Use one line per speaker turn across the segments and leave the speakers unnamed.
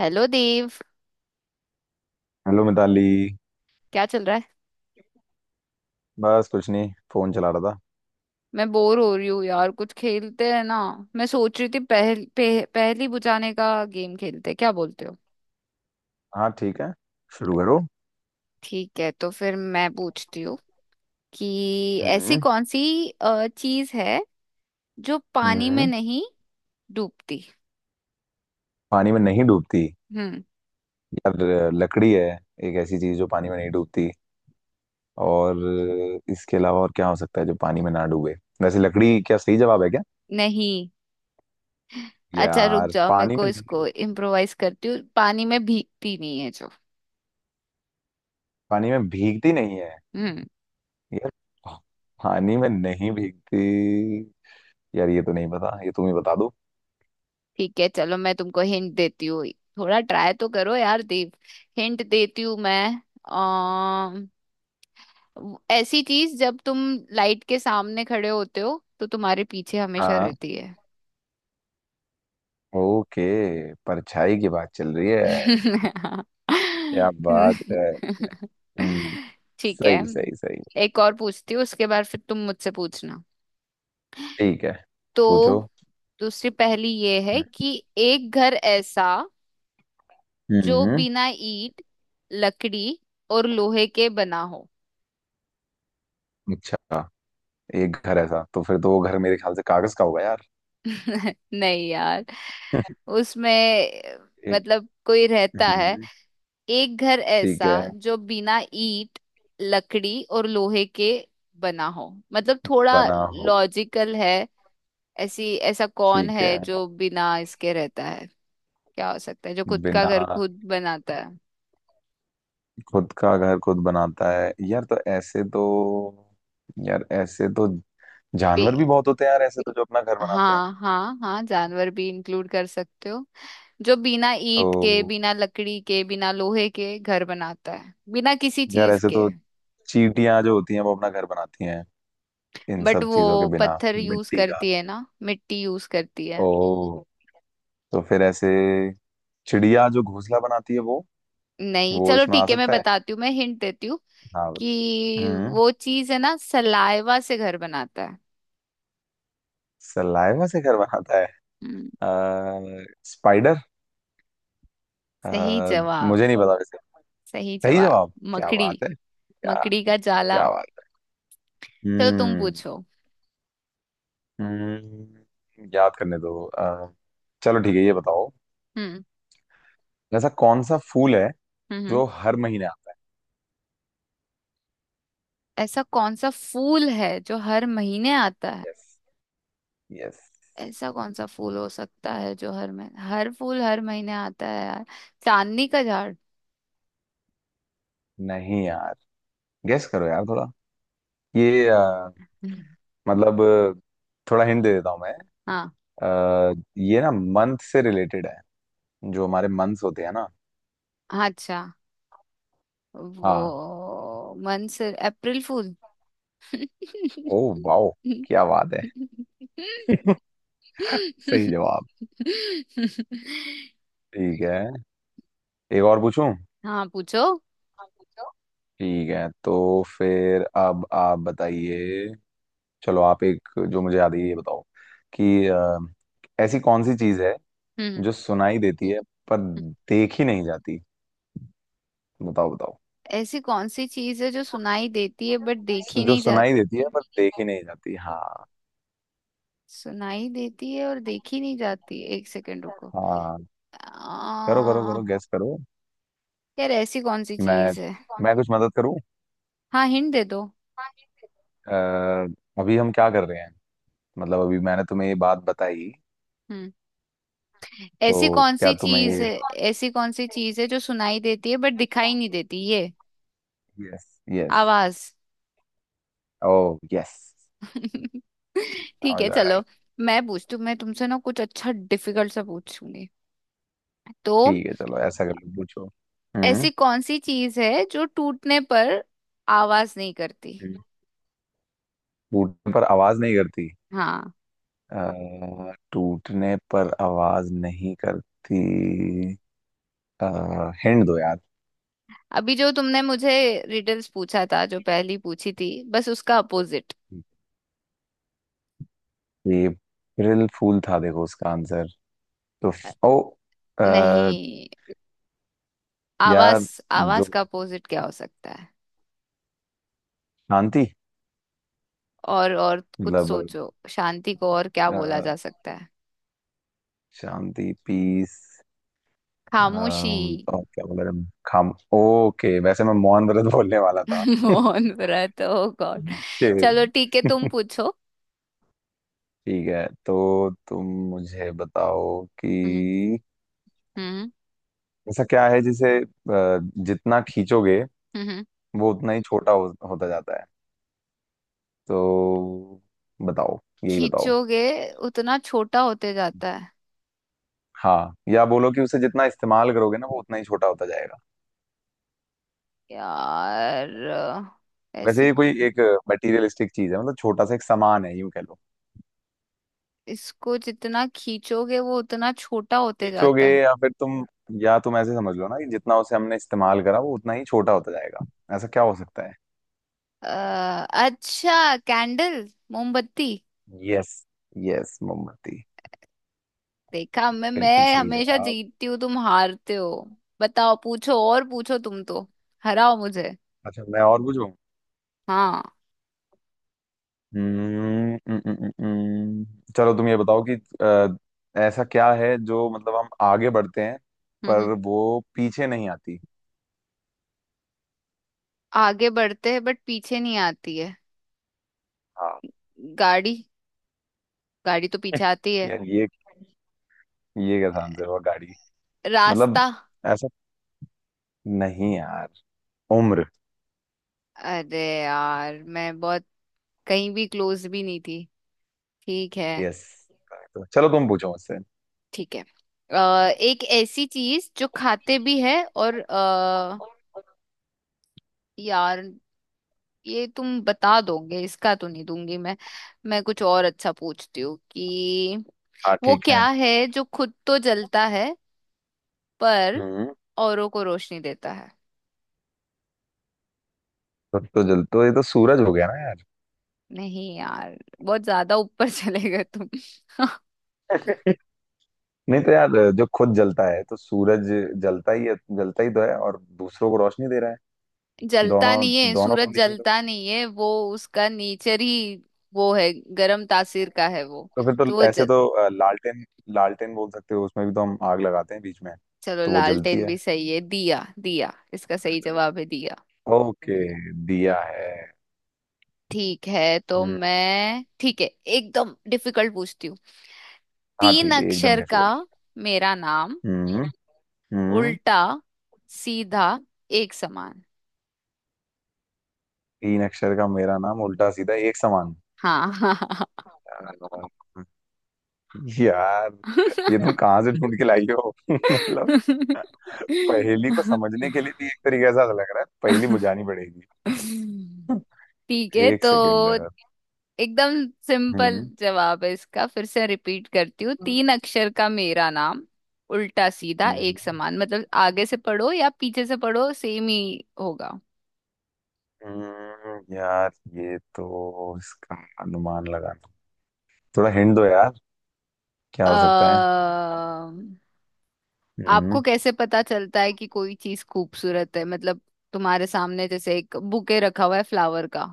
Hello Dev.
Hello Mitali.
क्या चल रहा है?
बस कुछ नहीं, फोन चला रहा था।
मैं बोर हो रही हूँ यार, कुछ खेलते हैं ना। मैं सोच रही थी पहेली बुझाने का गेम खेलते हैं, क्या बोलते हो?
हाँ, ठीक है। शुरू करो।
ठीक है, तो फिर मैं पूछती हूँ कि ऐसी
हम्म।
कौन सी चीज है जो पानी में
हम्म।
नहीं डूबती।
पानी में नहीं डूबती।
हम्म।
यार, लकड़ी है। एक ऐसी चीज जो पानी में नहीं डूबती। और इसके अलावा और क्या हो सकता है जो पानी में ना डूबे? वैसे लकड़ी क्या सही जवाब है क्या?
नहीं। अच्छा रुक
यार,
जाओ, मेरे
पानी
को
में नहीं
इसको
डूबती।
इम्प्रोवाइज करती हूँ, पानी में भीगती नहीं है जो।
पानी में भीगती नहीं है।
हम्म।
यार, पानी में नहीं भीगती। यार ये तो नहीं पता, ये तुम ही बता दो।
ठीक है, चलो मैं तुमको हिंट देती हूँ। थोड़ा ट्राई तो करो यार देव, हिंट देती हूँ मैं। ऐसी चीज जब तुम लाइट के सामने खड़े होते हो तो तुम्हारे पीछे हमेशा
हाँ।
रहती है।
ओके। परछाई की बात चल रही है। क्या बात है। हम्म,
ठीक है।
सही सही सही।
एक और पूछती हूँ उसके बाद फिर तुम मुझसे पूछना।
ठीक है।
तो
पूछो।
दूसरी पहेली ये है कि एक घर ऐसा जो
हम्म।
बिना ईंट, लकड़ी और लोहे के बना हो।
अच्छा। एक घर ऐसा तो फिर तो वो घर मेरे ख्याल से कागज का होगा यार।
नहीं यार। उसमें
एक।
मतलब कोई रहता है।
हम्म।
एक घर
ठीक
ऐसा
है।
जो बिना ईंट, लकड़ी और लोहे के बना हो, मतलब थोड़ा
बना हो।
लॉजिकल है। ऐसी ऐसा कौन
ठीक
है
है।
जो बिना इसके रहता है? क्या हो सकता है जो खुद का
बिना।
घर खुद बनाता है?
खुद का घर खुद बनाता है, यार तो ऐसे तो। यार ऐसे तो। जानवर भी
बे-
बहुत होते हैं यार, ऐसे तो जो अपना घर बनाते हैं।
हाँ हाँ हाँ, जानवर भी इंक्लूड कर सकते हो। जो बिना ईंट के,
तो
बिना लकड़ी के, बिना लोहे के घर बनाता है, बिना किसी
यार
चीज
ऐसे
के।
तो। चींटियां जो होती हैं वो अपना घर बनाती हैं। इन
बट
सब
वो
चीजों के बिना,
पत्थर यूज
मिट्टी का।
करती है ना, मिट्टी यूज करती है।
ओ। तो फिर ऐसे। चिड़िया जो घोंसला बनाती है वो।
नहीं,
वो
चलो
इसमें आ
ठीक है, मैं
सकता है।
बताती हूँ, मैं हिंट देती हूँ
हाँ। हाँ।
कि
हम्म।
वो चीज है ना सलाइवा से घर बनाता है।
सलाइवा से घर बनाता है।
हम्म।
स्पाइडर। अ,
सही जवाब।
मुझे नहीं पता वैसे।
सही
सही
जवाब।
जवाब। क्या
मकड़ी।
बात है क्या?
मकड़ी का जाला।
क्या बात है।
चलो तुम पूछो।
याद करने दो चलो ठीक है, ये बताओ।
हम्म।
ऐसा कौन सा फूल है
हम्म। हम्म।
जो हर महीने आता
ऐसा कौन सा फूल है जो हर महीने आता है?
है? Yes, yes.
ऐसा कौन सा फूल हो सकता है जो हर महीने, हर फूल हर महीने आता है यार? चांदनी का झाड़।
नहीं यार, गेस करो यार थोड़ा। ये
हम्म।
मतलब, थोड़ा हिंट दे देता हूँ मैं।
हाँ।
ये ना मंथ से रिलेटेड है। जो हमारे मंथ्स होते हैं ना।
अच्छा,
हाँ।
वो मंसूर अप्रैल फूल।
ओ, वाओ, क्या बात है। सही जवाब। ठीक है। एक और पूछूं?
हाँ पूछो।
हाँ, पूछो। ठीक है, तो फिर अब आप बताइए। चलो आप एक जो मुझे याद है ये बताओ। कि ऐसी कौन सी चीज है
हम्म।
जो सुनाई देती है पर
हम्म।
देखी नहीं जाती? बताओ, बताओ।
ऐसी कौन सी चीज है जो सुनाई देती है बट देखी
जो
नहीं जाती?
सुनाई देती है पर देखी नहीं नहीं जाती, हाँ।
सुनाई देती है और देखी नहीं जाती, एक सेकंड रुको।
हाँ। करो करो
आ,
करो, गैस करो।
यार ऐसी कौन सी
मैं
चीज है?
मैं सी कुछ मदद करूं?
हाँ हिंट दे दो।
अ, अभी हम क्या कर रहे हैं? मतलब अभी मैंने तुम्हें ये बात बताई।
हम्म।
तो
ऐसी कौन
क्या
सी
तुम्हें
चीज
ये।
है?
सी।
ऐसी कौन सी चीज है जो सुनाई देती है बट दिखाई नहीं देती, ये
यस, यस।
आवाज।
Oh, yes.
ठीक
नाउ
है
यू आर
चलो।
राइट।
मैं पूछती हूँ, मैं तुमसे ना कुछ अच्छा डिफिकल्ट सा पूछूंगी। तो
ठीक है चलो, ऐसा कर लो, पूछो। हम्म।
ऐसी कौन सी चीज है जो टूटने पर आवाज नहीं करती?
हम्म। टूटने पर आवाज नहीं करती।
हाँ।
टूटने पर आवाज नहीं करती। हिंड दो यार।
अभी जो तुमने मुझे रिडल्स पूछा था, जो पहली पूछी थी, बस उसका अपोजिट।
ये अप्रैल फूल था, देखो उसका आंसर। तो। ओ। अ,
नहीं, आवाज।
यार, जो
आवाज का अपोजिट क्या हो सकता है?
शांति,
और कुछ
मतलब
सोचो, शांति को और क्या
अ,
बोला जा सकता है?
शांति, पीस।
खामोशी।
और क्या बोला था? खाम ओके, वैसे मैं मोहन व्रत बोलने वाला था
मौन व्रत, ओ गॉड।
ओके।
चलो ठीक है तुम पूछो।
ठीक है तो तुम मुझे बताओ
हम्म।
कि।
हम्म।
ऐसा क्या है जिसे जितना खींचोगे
हम्म। हम्म।
वो उतना ही छोटा होता जाता है। तो बताओ। यही बताओ।
खींचोगे, उतना छोटा होते जाता है?
हाँ, या बोलो कि उसे जितना इस्तेमाल करोगे ना वो उतना ही छोटा होता जाएगा।
यार
वैसे
ऐसी,
ये कोई एक मटेरियलिस्टिक चीज है, मतलब छोटा सा एक सामान है यूं कह लो।
इसको जितना खींचोगे वो उतना छोटा होते
खींचोगे
जाता है।
या फिर तुम। या तुम ऐसे समझ लो ना कि जितना उसे हमने इस्तेमाल करा वो उतना ही छोटा होता जाएगा। ऐसा क्या हो सकता है?
अच्छा, कैंडल, मोमबत्ती।
यस। यस, मोमबत्ती।
देखा, मैं
बिल्कुल
मैं
सही
हमेशा
जवाब।
जीतती हूँ, तुम हारते हो। बताओ पूछो, और पूछो तुम तो, हराओ मुझे।
अच्छा, मैं और पूछूं?
हाँ।
हम्म, हम्म, हम्म, हम्म, चलो तुम ये बताओ कि ऐसा क्या है जो मतलब हम आगे बढ़ते हैं,
हम्म। हम्म।
पर वो पीछे नहीं आती।
आगे बढ़ते हैं बट पीछे नहीं आती है?
हाँ।
गाड़ी। गाड़ी तो पीछे आती है।
यार ये कैसा आंसर हुआ गाड़ी? मतलब,
रास्ता।
ऐसा, नहीं यार, उम्र।
अरे यार, मैं बहुत कहीं भी क्लोज भी नहीं थी। ठीक है।
यस। तो चलो तुम पूछो मुझसे।
ठीक है। एक ऐसी चीज जो खाते भी है और यार ये तुम बता दोगे इसका, तो नहीं दूंगी मैं। मैं कुछ और अच्छा पूछती हूँ कि
हाँ
वो
ठीक है,
क्या है जो खुद तो जलता है पर
हम्म
औरों को रोशनी देता है?
खुद तो जल तो ये तो सूरज हो गया ना यार
नहीं यार, बहुत ज्यादा ऊपर चले गए तुम।
नहीं तो यार जो खुद जलता है तो सूरज जलता ही है जलता ही तो है और दूसरों को रोशनी दे रहा है
जलता
दोनों
नहीं है,
दोनों
सूरज
कंडीशन
जलता नहीं है वो। उसका नेचर ही वो है, गरम तासीर का है वो।
तो फिर तो
तो वो
ऐसे
जल,
तो अ, लालटेन लालटेन बोल सकते हो उसमें भी तो हम आग लगाते हैं बीच में
चलो
तो वो जलती
लालटेन भी
है
सही है, दिया, दिया इसका सही जवाब है, दिया।
ओके दिया है
ठीक है, तो
हम्म,
मैं ठीक है एकदम डिफिकल्ट पूछती हूँ।
हाँ
तीन
ठीक है एकदम
अक्षर का
डिफिकल्ट।
मेरा नाम,
हम्म। हम्म।
उल्टा सीधा एक समान।
तीन अक्षर का मेरा नाम उल्टा सीधा एक समान।
हाँ हाँ।
यार ये तुम कहाँ से ढूंढ के लाई हो मतलब, पहेली को समझने के लिए भी एक तरीके से ऐसा लग रहा है, पहेली बुझानी पड़ेगी।
ठीक है,
एक
तो
सेकेंड।
एकदम सिंपल
हम्म।
जवाब है इसका, फिर से रिपीट करती हूँ। तीन अक्षर का मेरा नाम उल्टा सीधा एक
हम्म,
समान, मतलब आगे से पढ़ो या पीछे से पढ़ो सेम ही होगा।
यार, ये तो इसका अनुमान लगाना, थोड़ा हिंट दो यार। क्या हो सकता है?
अः आपको
हम्म।
कैसे पता चलता है कि कोई चीज खूबसूरत है, मतलब तुम्हारे सामने जैसे एक बुके रखा हुआ है फ्लावर का,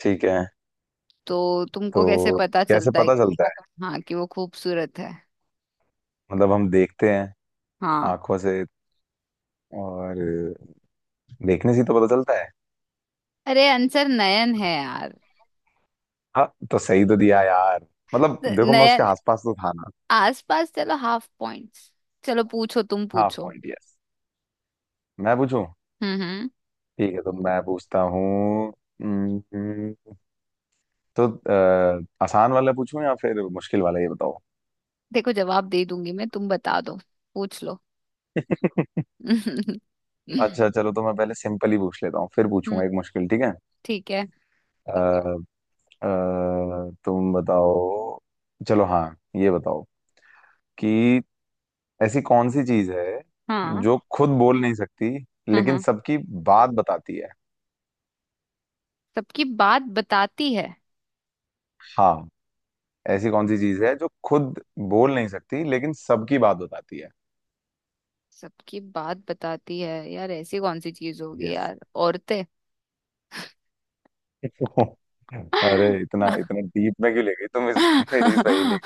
ठीक है।
तो
तो
तुमको कैसे पता
कैसे
चलता है?
पता चलता है?
हाँ, कि वो खूबसूरत है?
मतलब हम देखते हैं,
हाँ।
आंखों से, और देखने से ही तो पता चलता है।
अरे आंसर नयन है यार।
हाँ, तो सही तो दिया यार। मतलब देखो, मैं उसके
नयन।
आसपास तो था ना।
आसपास, चलो हाफ पॉइंट्स। चलो पूछो, तुम
हाफ
पूछो।
Point, yes. मैं पूछूं?
हम्म। हम्म।
ठीक है, तो मैं पूछता हूँ। हम्म, तो आसान वाला पूछूं या फिर मुश्किल वाला, ये बताओ।
देखो, जवाब दे दूंगी मैं, तुम बता दो, पूछ लो। हम्म।
अच्छा चलो, तो मैं पहले सिंपल ही पूछ लेता हूँ, फिर पूछूंगा एक मुश्किल, ठीक है।
ठीक है।
अ, तुम बताओ। चलो हाँ, ये बताओ कि ऐसी कौन सी चीज है
हाँ
जो खुद बोल नहीं सकती
हाँ
लेकिन
हाँ,
सबकी बात बताती है?
सबकी बात बताती है।
हाँ। ऐसी कौन सी चीज है जो खुद बोल नहीं सकती लेकिन सबकी बात बताती है?
सबकी बात बताती है यार, ऐसी कौन सी चीज होगी
यस।
यार? औरतें।
अरे, इतना
आ,
इतना डीप में क्यों ले गई तुम इस मेरी इस पहेली को?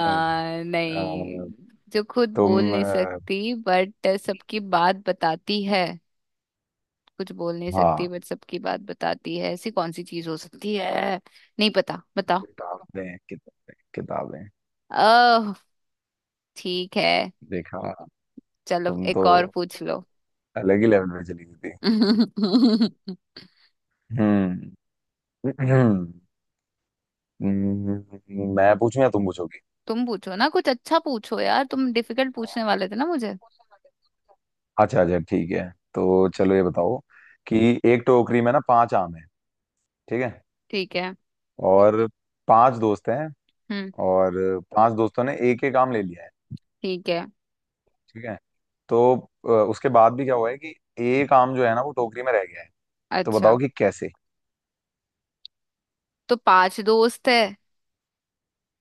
नहीं। नहीं।
जो खुद बोल
तुम
नहीं सकती बट सबकी बात बताती है, कुछ बोल नहीं सकती
हाँ,
बट सबकी बात बताती है, ऐसी कौन सी चीज हो सकती है? नहीं पता, बताओ।
किताबें, किताबें, किताबें।
ओह। ठीक है।
देखा।
चलो
तुम तो
एक और पूछ लो।
अलग ही लेवल पे चली गई थी। हम्म। मैं पूछूं या तुम पूछोगी?
तुम पूछो ना, कुछ अच्छा पूछो यार, तुम डिफिकल्ट पूछने वाले थे ना मुझे।
अच्छा अच्छा ठीक है, तो चलो ये बताओ कि एक टोकरी में ना पांच आम है। ठीक है।
ठीक है।
और पांच दोस्त हैं।
हम्म।
और पांच दोस्तों ने एक एक आम ले लिया है।
ठीक है।
ठीक है। तो उसके बाद भी क्या हुआ है कि एक आम जो है ना, वो टोकरी में रह गया है। तो
अच्छा,
बताओ कि कैसे।
तो पांच दोस्त है,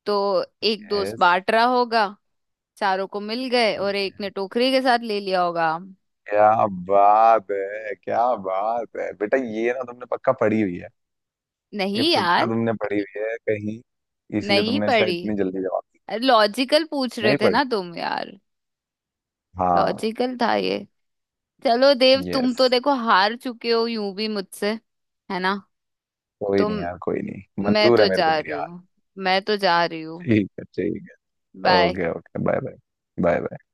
तो एक दोस्त
यस।
बांट रहा होगा, चारों को मिल गए और एक ने टोकरी के साथ ले लिया होगा।
क्या बात है, क्या बात है बेटा, ये ना तुमने पक्का पढ़ी हुई है। ये
नहीं
पक्का
यार।
तुमने पढ़ी हुई है कहीं, इसलिए
नहीं
तुमने इसका
पढ़ी।
इतनी जल्दी जवाब
लॉजिकल पूछ
दिया,
रहे
नहीं
थे
पढ़ी।
ना तुम यार,
हाँ।
लॉजिकल था ये। चलो देव, तुम
यस।
तो देखो हार चुके हो यूं भी मुझसे, है ना?
कोई
तुम,
नहीं यार, कोई नहीं,
मैं
मंजूर
तो
है मेरे
जा
को मेरी
रही
हार।
हूँ, मैं तो जा रही हूँ।
ठीक है, ठीक है,
bye.
Okay, okay, bye bye. Bye bye.